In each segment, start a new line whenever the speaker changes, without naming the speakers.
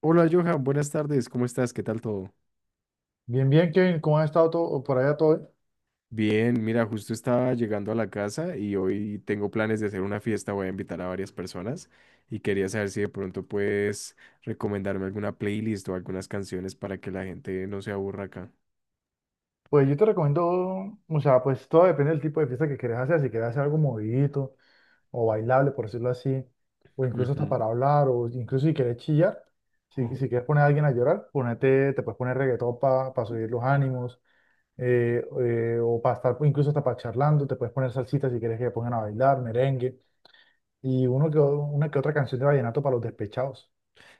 Hola Johan, buenas tardes, ¿cómo estás? ¿Qué tal todo?
Bien, bien, Kevin, ¿cómo has estado? ¿Todo, por allá todo bien?
Bien, mira, justo estaba llegando a la casa y hoy tengo planes de hacer una fiesta, voy a invitar a varias personas y quería saber si de pronto puedes recomendarme alguna playlist o algunas canciones para que la gente no se aburra acá.
Pues yo te recomiendo, o sea, pues todo depende del tipo de fiesta que quieras hacer, si quieres hacer algo movidito o bailable, por decirlo así, o incluso hasta
Ujú.
para hablar, o incluso si quieres chillar, si quieres poner a alguien a llorar, ponete, te puedes poner reggaetón para subir los ánimos, o para estar, incluso hasta para charlando, te puedes poner salsita si quieres que te pongan a bailar, merengue, y uno que, una que otra canción de vallenato para los despechados.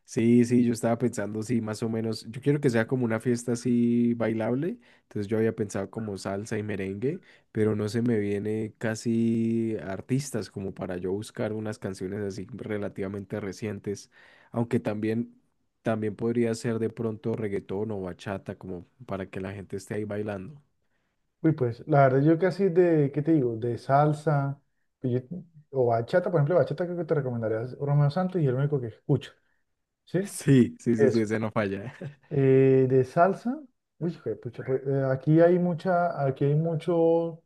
Sí, sí, yo estaba pensando, sí, más o menos. Yo quiero que sea como una fiesta así bailable. Entonces yo había pensado como salsa y merengue, pero no se me viene casi artistas como para yo buscar unas canciones así relativamente recientes. Aunque también, también podría ser de pronto reggaetón o bachata, como para que la gente esté ahí bailando.
Uy, pues, la verdad, yo casi de, ¿qué te digo? De salsa, pues yo- o bachata, por ejemplo, bachata creo que te recomendaría es Romeo Santos y el único que escucho, ¿sí?
Sí, sí,
Y
sí, sí,
eso.
ese no falla.
De salsa, uy, hijo de pucha, pues, aquí hay mucha, aquí hay mucho,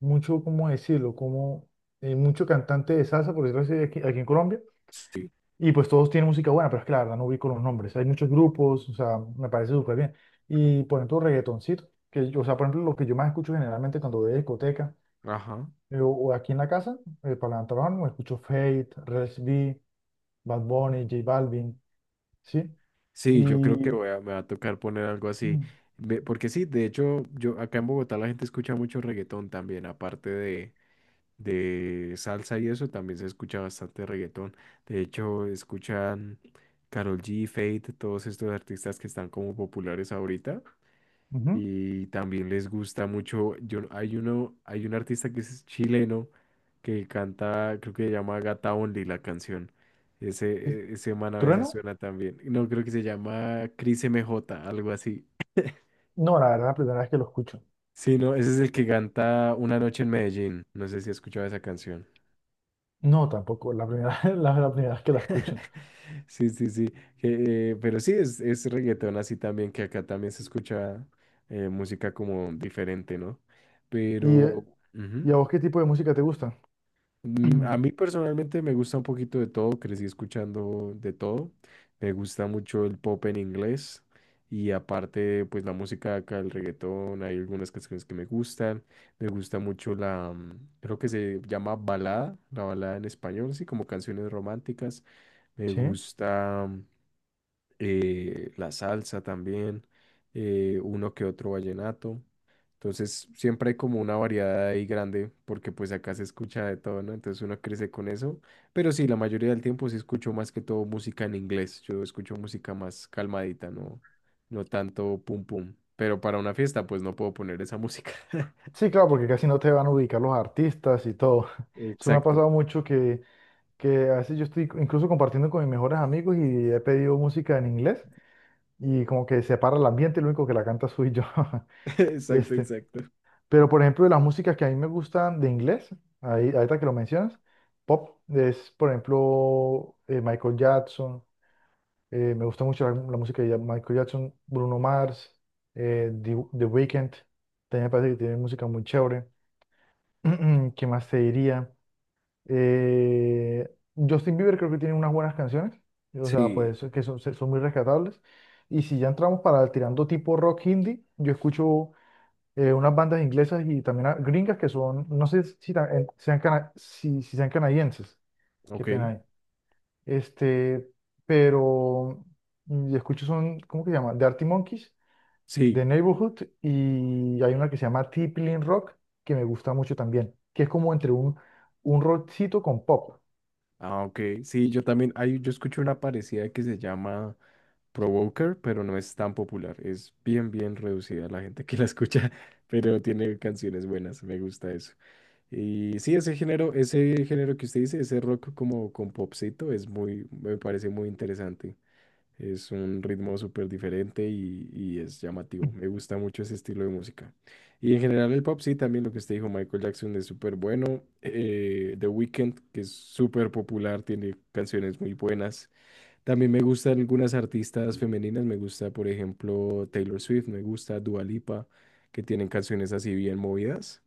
mucho, ¿cómo decirlo? Como, mucho cantante de salsa, por decirlo así, aquí, aquí en Colombia,
Sí.
y pues todos tienen música buena, pero es que la verdad no ubico los nombres. Hay muchos grupos, o sea, me parece súper bien. Y, por ejemplo, reggaetoncito, que, o sea, por ejemplo, lo que yo más escucho generalmente cuando voy a discoteca,
Ajá.
o aquí en la casa, para levantar la mano, me escucho Fate, Res B, Bad Bunny, J Balvin, ¿sí?
Sí, yo creo
Y...
que voy a, me va a tocar poner algo así. Porque sí, de hecho, yo acá en Bogotá la gente escucha mucho reggaetón también, aparte de salsa y eso, también se escucha bastante reggaetón. De hecho, escuchan Karol G, Fate, todos estos artistas que están como populares ahorita
ujú,
y también les gusta mucho. Yo, hay uno, hay un artista que es chileno que canta, creo que se llama Gata Only la canción. Ese,
¿sí?
ese man a veces
¿Trueno?
suena también. No, creo que se llama Cris M J algo así.
No, la verdad, la primera vez que lo escucho.
Sí, no, ese es el que canta Una noche en Medellín. No sé si has escuchado esa canción.
No, tampoco, la primera, la primera vez que la escucho.
Sí, sí, sí. Que, pero sí, es reggaetón así también, que acá también se escucha música como diferente, ¿no?
¿Y, eh,
Pero...
¿Y a
ujú.
vos qué tipo de música te gusta?
A mí personalmente me gusta un poquito de todo, crecí escuchando de todo. Me gusta mucho el pop en inglés y aparte pues la música acá, el reggaetón, hay algunas canciones que me gustan. Me gusta mucho la, creo que se llama balada, la balada en español, sí, como canciones románticas. Me
¿Sí?
gusta la salsa también, uno que otro vallenato. Entonces siempre hay como una variedad ahí grande porque pues acá se escucha de todo, ¿no? Entonces uno crece con eso. Pero sí, la mayoría del tiempo sí escucho más que todo música en inglés. Yo escucho música más calmadita, no, no tanto pum pum. Pero para una fiesta pues no puedo poner esa música.
Sí, claro, porque casi no te van a ubicar los artistas y todo. Eso me ha
Exacto,
pasado mucho que a veces yo estoy incluso compartiendo con mis mejores amigos y he pedido música en inglés y como que separa el ambiente, lo único que la canta soy yo.
exacto,
Este,
exacto.
pero por ejemplo, de las músicas que a mí me gustan de inglés, ahí, ahorita que lo mencionas, pop es, por ejemplo, Michael Jackson, me gusta mucho la, la música de Michael Jackson, Bruno Mars, The Weeknd, también me parece que tiene música muy chévere. ¿Qué más te diría? Eh, Justin Bieber creo que tiene unas buenas canciones, o sea,
Sí,
pues que son, son muy rescatables. Y si ya entramos para tirando tipo rock hindi, yo escucho unas bandas inglesas y también a- gringas que son, no sé si, sean, si sean canadienses, qué
ok,
pena ahí. Este, pero y escucho son, ¿cómo que se llama? The Arctic Monkeys, The
sí,
Neighborhood y hay una que se llama Tiplin Rock que me gusta mucho también, que es como entre un rockcito con pop.
ah, ok, sí, yo también, hay, yo escucho una parecida que se llama Provoker, pero no es tan popular. Es bien, bien reducida la gente que la escucha, pero tiene canciones buenas, me gusta eso. Y sí, ese género que usted dice, ese rock como con popcito, es muy, me parece muy interesante. Es un ritmo súper diferente y es llamativo. Me gusta mucho ese estilo de música. Y en general el pop, sí, también lo que usted dijo, Michael Jackson es súper bueno. The Weeknd, que es súper popular, tiene canciones muy buenas. También me gustan algunas artistas femeninas, me gusta, por ejemplo, Taylor Swift, me gusta Dua Lipa, que tienen canciones así bien movidas.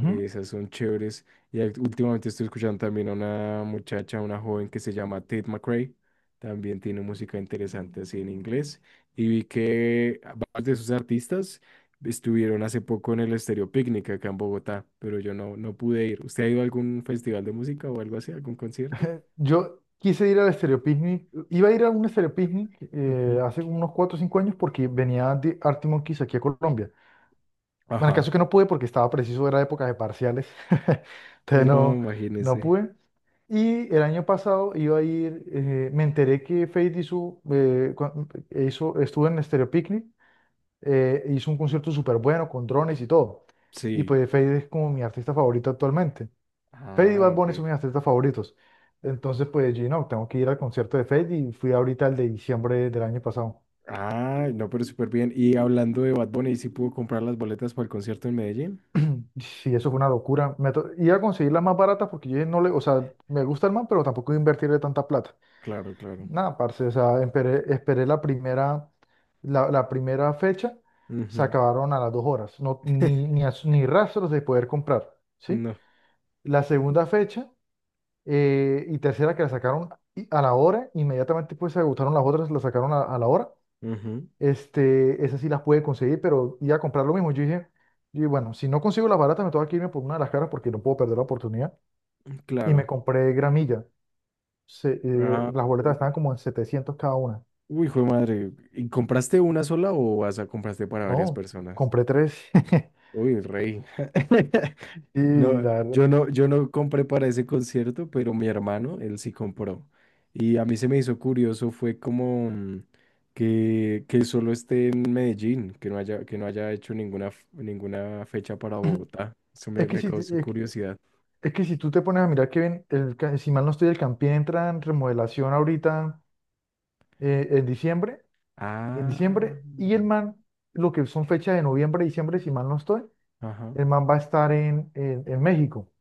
Esas son chéveres. Y últimamente estoy escuchando también a una muchacha, una joven que se llama Tate McRae. También tiene música interesante así en inglés. Y vi que varios de sus artistas estuvieron hace poco en el Estéreo Picnic acá en Bogotá, pero yo no, no pude ir. ¿Usted ha ido a algún festival de música o algo así, algún concierto?
Yo quise ir al Stereo Picnic, iba a ir a un Stereo Picnic
Ujú.
hace unos 4 o 5 años porque venía de Arctic Monkeys aquí a Colombia. Bueno, el
Ajá.
caso es que no pude porque estaba preciso, era época de parciales, entonces
No,
no, no
imagínese.
pude. Y el año pasado iba a ir, me enteré que Feid hizo, hizo, estuvo en Stereo Picnic, hizo un concierto súper bueno con drones y todo. Y
Sí.
pues Feid es como mi artista favorito actualmente. Fade y
Ah,
Bad
ok.
Bunny son mis artistas favoritos. Entonces, pues, yo no, tengo que ir al concierto de Fade y fui ahorita el de diciembre del año pasado.
Ah, no, pero súper bien. Y hablando de Bad Bunny, ¿sí pudo comprar las boletas para el concierto en Medellín?
Sí, eso fue una locura. Iba a conseguir las más baratas porque yo dije, no le, o sea, me gusta el man, pero tampoco voy a invertirle tanta plata.
Claro, claro.
Nada, parce, o sea, esperé, esperé la primera, la primera fecha, se
Ujú.
acabaron a las dos horas, no, ni, ni, ni rastros de poder comprar, ¿sí?
No.
La segunda fecha y tercera que la sacaron a la hora, inmediatamente pues se agotaron las otras, la sacaron a la hora.
Ujú.
Este, esas sí las pude conseguir, pero iba a comprar lo mismo. Yo dije, y bueno, si no consigo las baratas, me tengo que irme por una de las caras porque no puedo perder la oportunidad. Y me
Claro.
compré gramilla.
Ah,
Las boletas
uy.
estaban como en 700 cada una.
Uy, hijo de madre. ¿Y compraste una sola o vas a compraste para varias
No,
personas?
compré tres.
Uy, rey.
Y
No,
la verdad,
yo no, yo no compré para ese concierto, pero mi hermano, él sí compró. Y a mí se me hizo curioso, fue como que solo esté en Medellín, que no haya hecho ninguna, ninguna fecha para Bogotá. Eso me,
es que
me
si, te-
causó
es, que
curiosidad.
es que si tú te pones a mirar que ven, el, si mal no estoy, el Campín entra en remodelación ahorita eh, en diciembre, en
Ah,
diciembre, y el MAN, lo que son fechas de noviembre, diciembre, si mal no estoy
ajá.
el man va a estar en, en México,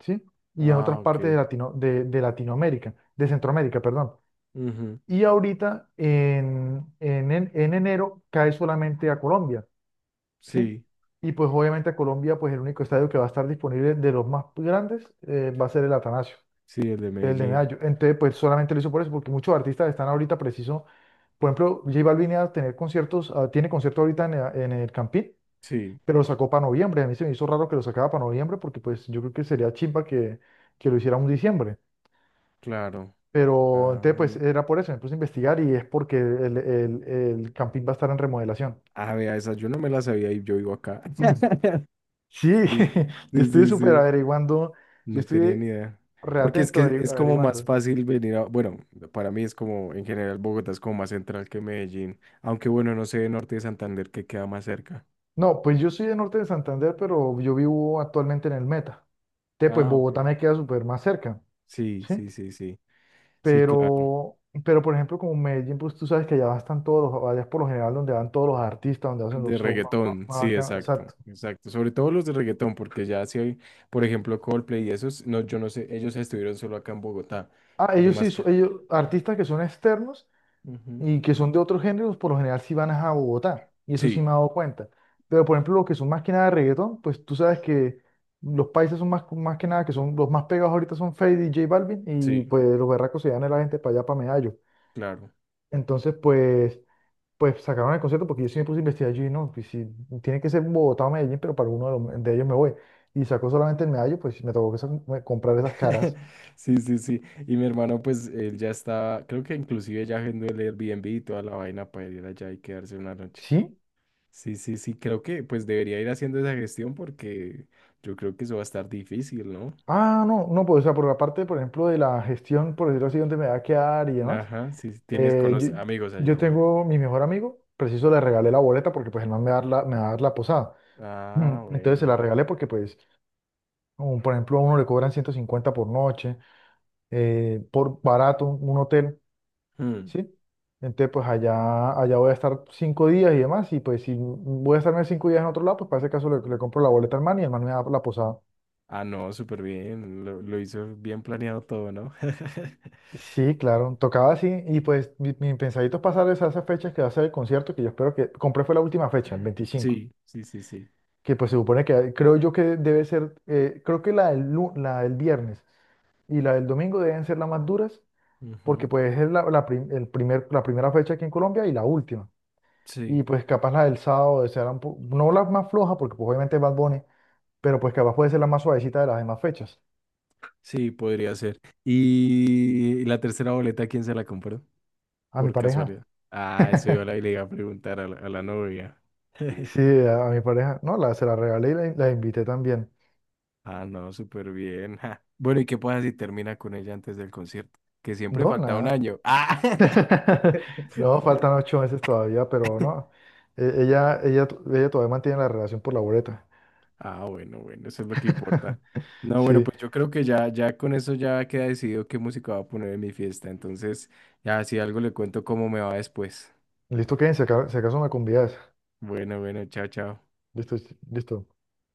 ¿sí? Y en
Ah,
otras
ok.
partes de, Latino, de Latinoamérica, de Centroamérica, perdón.
Ujú.
Y ahorita, en enero, cae solamente a Colombia, ¿sí?
Sí,
Y pues obviamente a Colombia, pues el único estadio que va a estar disponible de los más grandes va a ser el Atanasio,
sí, el de
el de
Medellín.
Medallo. Entonces, pues solamente lo hizo por eso, porque muchos artistas están ahorita preciso. Por ejemplo, J Balvin iba a tener conciertos, ah, tiene concierto ahorita en el Campín,
Sí,
pero lo sacó para noviembre. A mí se me hizo raro que lo sacara para noviembre porque pues yo creo que sería chimba que lo hiciera un diciembre.
claro.
Pero entonces
Ah,
pues era por eso, me puse a investigar y es porque el camping va a estar en remodelación.
a ver, esa yo no me la sabía y yo vivo acá.
Sí,
Sí,
yo
sí,
estoy
sí,
súper
sí.
averiguando, yo
No tenía
estoy
ni idea. Porque es
reatento
que es como más
averiguando.
fácil venir a, bueno, para mí es como, en general, Bogotá es como más central que Medellín. Aunque bueno, no sé, Norte de Santander, que queda más cerca.
No, pues yo soy de Norte de Santander, pero yo vivo actualmente en el Meta. Entonces pues
Ah, ok.
Bogotá me queda súper más cerca,
Sí,
¿sí?
sí, sí, sí. Sí, claro.
Pero, pero por ejemplo, como en Medellín, pues tú sabes que allá están todos los, allá es por lo general donde van todos los artistas, donde hacen los
De
shows más,
reggaetón,
más
sí,
bacanos.
exacto,
Exacto.
exacto. Sobre todo los de reggaetón, porque ya si hay, por ejemplo, Coldplay y esos, no, yo no sé, ellos estuvieron solo acá en Bogotá,
Ah,
pero
ellos sí,
más que...
ellos, artistas que son externos
Ujú.
y que son de otros géneros, por lo general sí van a Bogotá, y eso sí
Sí,
me he dado cuenta. Pero por ejemplo, los que son más que nada de reggaetón, pues tú sabes que los países son más, más que nada, que son los más pegados ahorita son Feid y J Balvin, y
sí,
pues los berracos se dan a la gente para allá, para Medallo.
claro.
Entonces, pues. Pues sacaron el concierto porque yo sí me puse a investigar allí, ¿no? Pues si tiene que ser Bogotá o Medellín, pero para uno de, de ellos me voy. Y sacó solamente el medallo, pues me tocó que comprar esas caras.
Sí, sí, sí. Y mi hermano, pues, él ya estaba, creo que inclusive ya agendó el Airbnb y toda la vaina para ir allá y quedarse una noche.
¿Sí?
Sí, sí, sí, creo que pues debería ir haciendo esa gestión porque yo creo que eso va a estar difícil, ¿no?
Ah, no, no, pues o sea, por la parte, por ejemplo, de la gestión, por decirlo así, donde me va a quedar y demás.
Ajá, si tienes
eh, yo,
conoce amigos allá,
yo
o algo.
tengo mi mejor amigo, preciso le regalé la boleta porque pues el man me va a dar la, me va a dar la posada.
Ah,
Entonces se la
bueno.
regalé porque pues, por ejemplo, a uno le cobran 150 por noche, por barato, un hotel.
Hmm.
¿Sí? Entonces, pues allá, allá voy a estar 5 días y demás, y pues si voy a estarme 5 días en otro lado, pues para ese caso le, le compro la boleta al man y el man me da la posada.
Ah, no, súper bien. Lo hizo bien planeado todo, ¿no?
Sí, claro, tocaba así, y pues mi pensadito es pasar esas fechas que va a ser el concierto, que yo espero que, compré fue la última fecha, el 25,
Sí, sí, sí, sí.
que pues se supone que creo yo que debe ser, creo que la del, la del viernes y la del domingo deben ser las más duras, porque
Ujú.
pues es la, la primera fecha aquí en Colombia y la última. Y
Sí,
pues capaz la del sábado será un no la más floja, porque pues, obviamente es Bad Bunny, pero pues capaz puede ser la más suavecita de las demás fechas.
sí, podría ser. ¿Y la tercera boleta, quién se la compró?
A mi
Por
pareja.
casualidad. Ah, eso yo a la, le iba a preguntar a la novia.
Sí, a mi pareja. No, la, se la regalé y la invité también.
Ah, no, súper bien. Ja. Bueno, ¿y qué pasa si termina con ella antes del concierto? Que siempre
No,
falta un
nada.
año. Ah,
No, faltan 8 meses todavía, pero no. Ella, ella, ella todavía mantiene la relación por la boleta.
ah, bueno, bueno, eso es lo que importa. No, bueno,
Sí.
pues yo creo que ya, ya con eso ya queda decidido qué música va a poner en mi fiesta. Entonces, ya si algo le cuento cómo me va después.
Listo, Kevin, si si acaso me convidas.
Bueno, bueno, chao, chao.
Listo, listo.